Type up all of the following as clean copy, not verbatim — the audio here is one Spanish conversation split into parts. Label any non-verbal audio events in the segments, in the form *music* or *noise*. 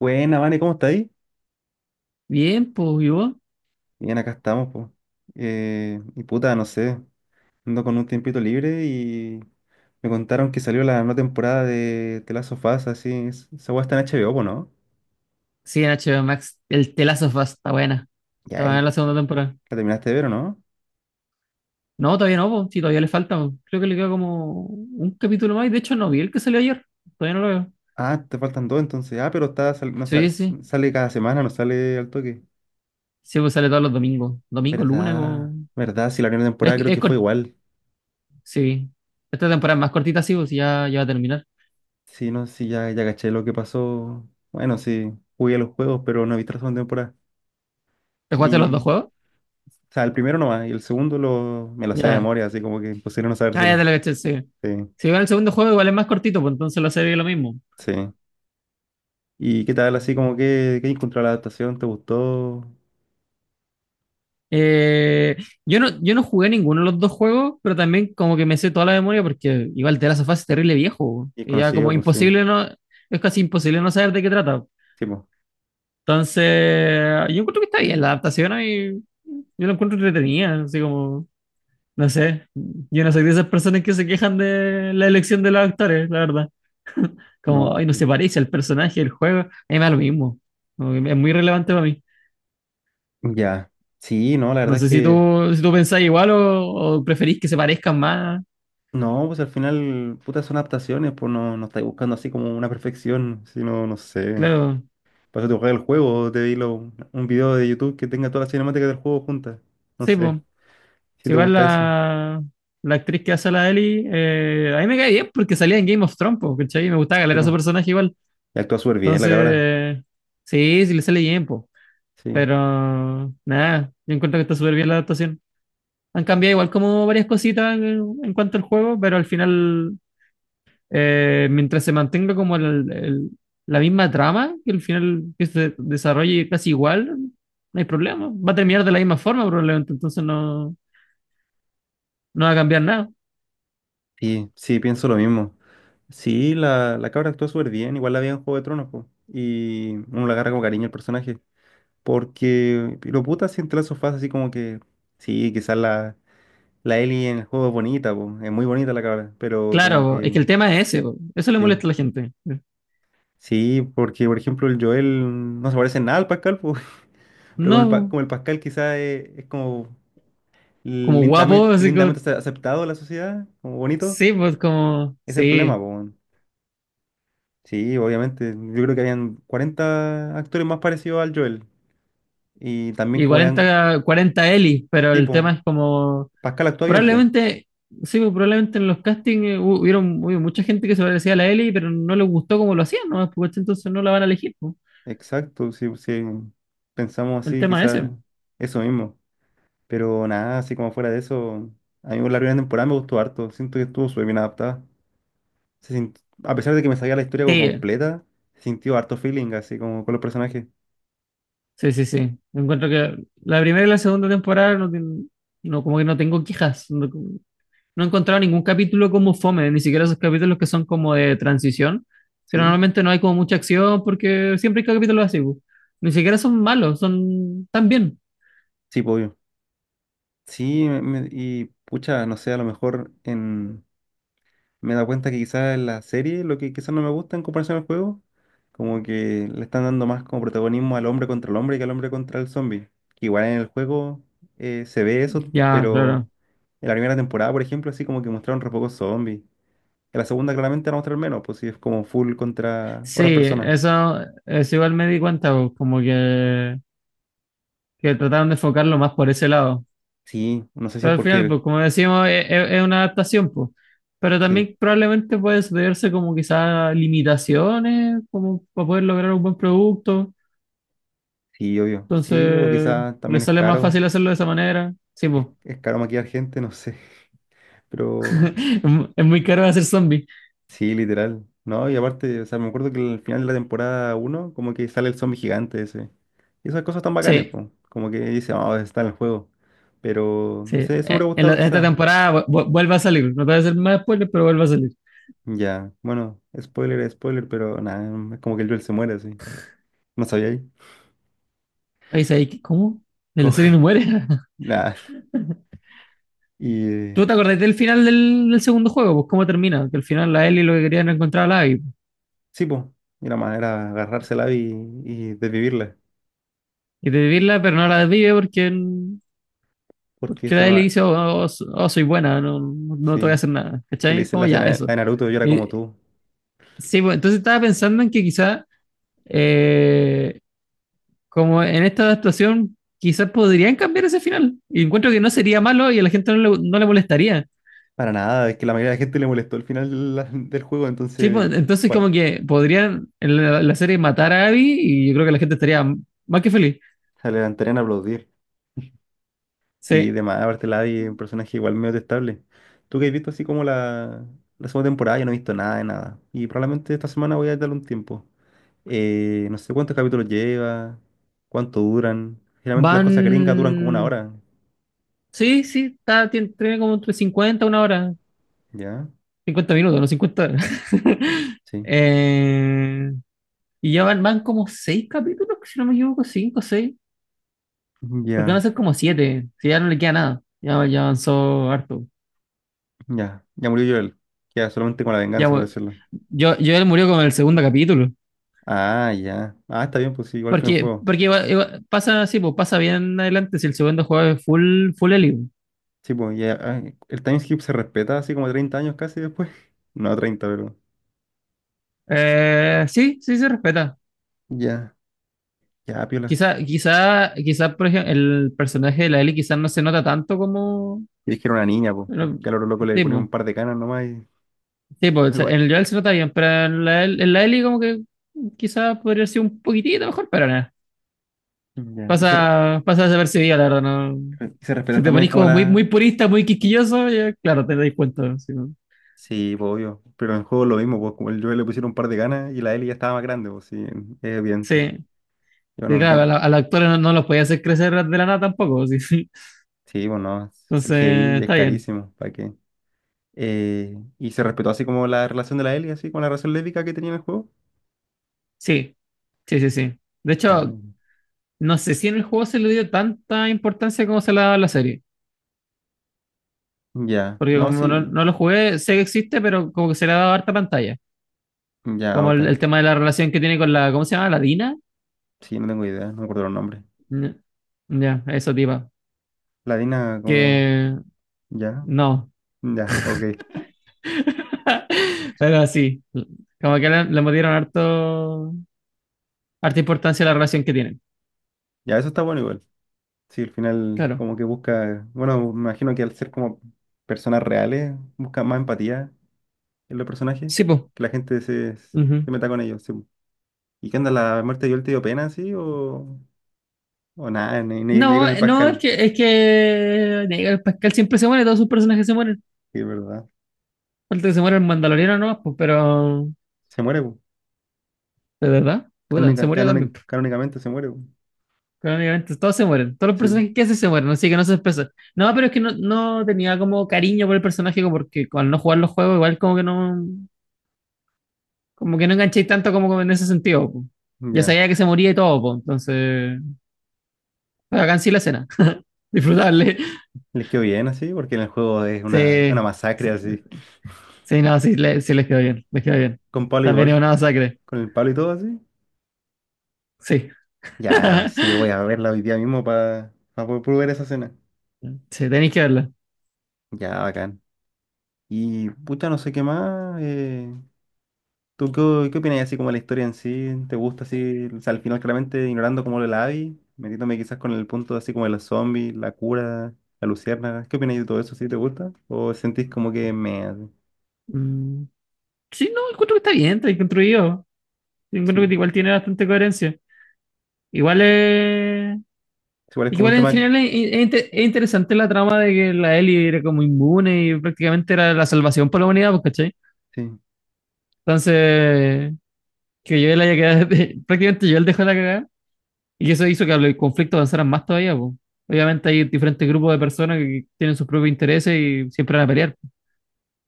Buena, Vane, ¿cómo estáis? Bien, pues, ¿y vos? Bien, acá estamos, pues y puta, no sé, ando con un tiempito libre y me contaron que salió la nueva temporada de The Last of Us, así, esa weá está en HBO, po, ¿no? Sí, en HBO Max. El telazo está buena. Y Está ahí buena la segunda temporada. la terminaste de ver, ¿o no? No, todavía no, pues. Sí, todavía le falta, po. Creo que le queda como un capítulo más. Y de hecho, no vi el que salió ayer. Todavía no lo veo. Ah, te faltan dos entonces. Ah, pero está, sal- no, sa- Sí, sí. sale cada semana, no sale al toque. Sí, pues sale todos los domingos. Domingo, lunes. ¿Verdad? ¿Verdad? Sí, la primera Es, temporada creo es que fue cort- igual. Sí. Esta temporada es más cortita, sí, pues ya, ya va a terminar. Sí, no, sí, ya caché lo que pasó. Bueno, sí, jugué a los juegos, pero no he visto la segunda temporada. ¿Te jugaste los dos juegos? O sea, el primero nomás, y el segundo me lo sé de Ya. memoria, así como que imposible no Ah, ya sabérselo. te lo caché, sí. Sí, Si va el segundo juego, igual es más cortito, pues entonces la serie es lo mismo. sí. ¿Y qué tal, así como que, qué encontró la adaptación? ¿Te gustó? Eh, yo no jugué ninguno de los dos juegos, pero también como que me sé toda la memoria porque igual The Last of Us es terrible viejo, weón. ¿Y es Y ya conocido? como Pues sí, imposible no, es casi imposible no saber de qué trata. sí, pues. Entonces, yo encuentro que está bien la adaptación y yo lo encuentro entretenida, así como, no sé, yo no soy de esas personas que se quejan de la elección de los actores, la verdad. Como, No. ay, no se parece al personaje del juego, a mí me da lo mismo. Como que es muy relevante para mí. Ya. Sí, no, la No verdad es sé si tú, que, si tú pensás igual o preferís que se parezcan más. no, pues al final, puta, son adaptaciones, pues no estáis buscando así como una perfección, sino, no sé. Claro, Para eso te jugar el juego, te vi un video de YouTube que tenga todas las cinemáticas del juego juntas. No sí, pues. sé, si te Igual gusta eso. la actriz que hace a la Ellie, a mí me cae bien porque salía en Game of Thrones, po, ¿cachai? Me gustaba Sí, caleta su pues. personaje igual. Y actúa súper bien la cabra. Entonces, sí, sí le sale bien, pues. Sí. Pero, nada, yo encuentro que está súper bien la adaptación. Han cambiado igual como varias cositas en cuanto al juego, pero al final, mientras se mantenga como la misma trama, que al final que se desarrolle casi igual, no hay problema. Va a terminar de la misma forma probablemente, entonces no, no va a cambiar nada. Sí, sí, pienso lo mismo. Sí, la cabra actuó súper bien, igual la vi en Juego de Tronos, po, y uno le agarra con cariño al personaje, porque lo puta si entre esos fases así como que, sí, la Ellie en el juego es bonita, po, es muy bonita la cabra, pero como Claro, que, es que el tema es ese, po, eso le sí, molesta a la gente. sí, porque por ejemplo el Joel no se parece en nada al Pascal, po, *laughs* pero como No, como el Pascal quizás es como como guapo, así como, lindamente, aceptado en la sociedad, como bonito, sí, pues como, es el problema, sí, po. Sí, obviamente. Yo creo que habían 40 actores más parecidos al Joel. Y también y como hayan... 40, cuarenta Eli, pero el tipo, tema es como, Pascal actúa bien, pues. probablemente, sí, pues probablemente en los castings hubieron, hubo mucha gente que se parecía a la Eli, pero no le gustó como lo hacían, ¿no? Pues, entonces no la van a elegir, po. Exacto, si pensamos El así, tema es quizás ese. eso mismo. Pero nada, así como fuera de eso, a mí la primera temporada me gustó harto. Siento que estuvo súper bien adaptada. A pesar de que me sabía la historia como Sí, completa, se sintió harto feeling, así como con los personajes. sí, sí, sí. Encuentro que la primera y la segunda temporada no, no como que no tengo quejas. No he encontrado ningún capítulo como fome, ni siquiera esos capítulos que son como de transición, pero Sí, normalmente no hay como mucha acción porque siempre hay capítulos así, bu. Ni siquiera son malos, son tan bien. sí, pues, obvio. Sí, y pucha, no sé, a lo mejor en... Me he dado cuenta que quizás en la serie, lo que quizás no me gusta en comparación al juego, como que le están dando más como protagonismo al hombre contra el hombre que al hombre contra el zombie. Que igual en el juego se ve eso, Ya, pero claro. en la primera temporada, por ejemplo, así como que mostraron re pocos zombies. En la segunda claramente van a mostrar menos, pues si es como full contra Sí, otras personas. eso igual me di cuenta, bu, como que, trataron de enfocarlo más por ese lado. Sí, no sé si Pero es al porque final, él. pues como decimos, es una adaptación, pues. Pero Sí, también probablemente puede sucederse como quizás limitaciones, como para poder lograr un buen producto. sí, obvio. Sí, o Entonces, quizás le también es sale más caro. fácil hacerlo de esa manera. Sí, pues. Es caro maquillar gente, no sé. *laughs* Pero Es muy caro hacer zombies. sí, literal. No, y aparte, o sea, me acuerdo que al final de la temporada uno como que sale el zombie gigante ese. Y esas cosas tan bacanes, Sí, po. Como que dice, vamos, está en el juego. Pero, sí. no sé, eso me hubiera gustado En esta quizás. temporada vuelve a salir. No te voy a hacer más spoilers, pero vuelve a salir. Ya, bueno, spoiler, spoiler, pero nada, es como que el Joel se muere así. No sabía ahí. Ahí dice, "Ay, ¿cómo? De la Como... serie no muere." *laughs* *laughs* Nada. Y ¿Tú te acordás del final del segundo juego? Pues cómo termina. Que al final la Ellie lo que quería era encontrar a la Abby. sí, pues, era más, era agarrársela y desvivirla. Y desvivirla, pero no la desvive porque, Porque porque eso la no. Ellie dice, oh, oh, oh, oh, soy buena, no, no te voy a Sí, hacer nada. si le ¿Cachai? hice Como la ya, escena eso. a Naruto, yo era como Y- tú. sí, pues, entonces estaba pensando en que quizá eh, como en esta actuación quizás podrían cambiar ese final. Y encuentro que no sería malo y a la gente no le molestaría. Para nada, es que la mayoría de la gente le molestó el final del juego, Sí, entonces, pues, entonces ¿cuál? como que podrían en la serie matar a Abby y yo creo que la gente estaría más que feliz. Se levantarían a aplaudir. Sí, Sí, de más, aparte Lavi es un personaje igual medio detestable. Tú que has visto así como la segunda temporada, yo no he visto nada de nada. Y probablemente esta semana voy a darle un tiempo. No sé cuántos capítulos lleva, cuánto duran. Generalmente las cosas gringas duran como una van. hora. Sí, sí, está, tiene como entre 50 una hora, ¿Ya? 50 minutos, no 50 horas. *laughs* Sí. Eh, y ya van como 6 capítulos, si no me equivoco, 5 6 porque van a Ya, ser como 7 si ya no le queda nada, ya, ya avanzó harto. ya. Ya murió Joel. Queda solamente con la Ya, venganza, por bueno, decirlo. Yo él murió con el segundo capítulo. Ah, ya. Ah, está bien, pues sí, igual que en el juego. Porque pasa así, pues pasa bien adelante si el segundo juego es full, full Ellie, pues. Sí, pues ya, ah, el time skip se respeta así como 30 años casi después. *laughs* No, 30 pero Sí, sí se respeta. ya, ya, piola. Quizá, por ejemplo, el personaje de la Ellie quizás no se nota tanto como. Y es que era una niña, pues. Bueno, Que a lo loco le ponían un tipo, par de canas nomás y tipo, o pues, sea, en igual. el Joel se nota bien, pero en en la Ellie como que quizás podría ser un poquitito mejor, pero nada. Ya, Pasa desapercibida, la verdad, no. y se respetan Si te también ponís como como muy, la... muy purista, muy quisquilloso, ya, claro, te das cuenta. Sí, pues. Sí, pues obvio. Pero en el juego lo mismo, pues como el Joel le pusieron un par de canas y la Ellie ya estaba más grande, pues sí, es evidente. Sí, Y bueno, y acá claro, no. A los actores no, no los podía hacer crecer de la nada tampoco. *laughs* sí, sí. Sí, pues no, Entonces, CGI es está bien. carísimo, ¿para qué? Y se respetó así como la relación de la Ellie, así con la relación lésbica que tenía en el juego. Sí, sí, sí, sí. De Ah, hecho, no sé si en el juego se le dio tanta importancia como se le ha dado a la serie. ya, Porque no, como no, sí. no lo jugué, sé que existe, pero como que se le ha dado harta pantalla. Ya, Como ok. El tema de la relación que tiene con la, ¿cómo se llama? ¿La Dina? Sí, no tengo idea, no me acuerdo los nombres. Ya, ya, eso, tipa. Ladina, como. Que Ya, no. ya, ok. *laughs* Pero sí, como que le dieron harto, harta importancia a la relación que tienen. Ya, eso está bueno igual. Sí, al final, Claro. como que busca. Bueno, me imagino que al ser como personas reales, busca más empatía en los personajes, Sí, que la gente pues. se meta con ellos. Sí. ¿Y qué onda? ¿La muerte de Joel te dio pena, sí? O nada? Ni con No, el no, Pascal. Es que nega, Pascal siempre se muere, todos sus personajes se mueren. Sí, es verdad. Falta que se muera el Mandaloriano nomás, pues, pero Se muere, po. de verdad, puta, se murió también, pues. Canónicamente se muere, po. Crónicamente, todos se mueren, todos los Sí, po. personajes que hace se mueren, así que no se expresa. No, pero es que no tenía como cariño por el personaje, como porque al no jugar los juegos, igual como que no enganchéis tanto como en ese sentido, pues. Ya Ya. sabía que se moría y todo, pues, entonces, pero acá en sí la escena, *laughs* disfrutarle. Les quedó bien así, porque en el juego es una Sí, masacre sí, así. sí, no, sí, sí les quedó bien, les quedó bien. Con palo y También es golf. una masacre, Con el palo y todo así. sí. Ya, sí, *laughs* voy a verla hoy día mismo para poder probar esa escena. sí, tenéis que verla. Ya, bacán. Y puta, no sé qué más. ¿Tú qué, qué opinas así como de la historia en sí? ¿Te gusta así? O sea, al final claramente ignorando como lo de la Abby, metiéndome quizás con el punto así como de los zombies, la cura, la luciérnaga. ¿Qué opinas de todo eso? ¿Sí te gusta? ¿O sentís como que me... hace? Mm, Sí, no, encuentro que está bien construido. Encuentro Sí. que igual tiene bastante coherencia. Igual es. Igual es como un Igual en tema... que... general es interesante la trama de que la Ellie era como inmune y prácticamente era la salvación para la humanidad, pues, ¿cachai? Sí, Entonces, que yo haya quedado. *laughs* Prácticamente yo él dejó la cagada y eso hizo que el conflicto avanzara más todavía, pues. Obviamente hay diferentes grupos de personas que tienen sus propios intereses y siempre van a pelear.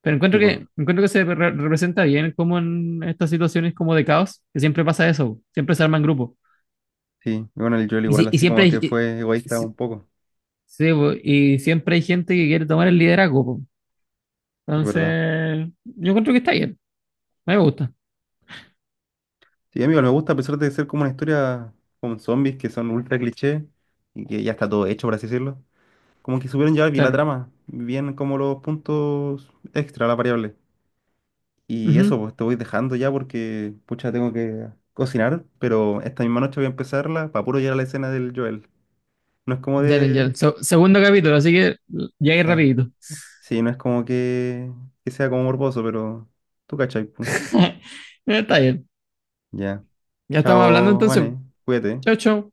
Pero tipo. Encuentro que se representa bien como en estas situaciones como de caos, que siempre pasa eso, siempre se arman grupos. Sí. Bueno, el Joel Y, igual si- y así siempre como hay, que y- fue egoísta un si- poco. sí, po, y siempre hay gente que quiere tomar el liderazgo, po. Es verdad. Entonces, yo encuentro que está bien, a mí me gusta, Sí, amigo, me gusta a pesar de ser como una historia con zombies que son ultra cliché y que ya está todo hecho, por así decirlo. Como que supieron llevar bien la claro. trama, bien como los puntos extra, la variable. Y eso, Ujú. pues te voy dejando ya porque, pucha, tengo que cocinar, pero esta misma noche voy a empezarla para puro llegar a la escena del Joel. No es como Dale, ya. de... Segundo capítulo, así que ya ir Ya. rapidito. Sí, no es como que sea como morboso, pero tú cachai, pu. *laughs* Está bien. Ya. Ya estamos hablando Chao, entonces. Vane, cuídate. Chao, chao.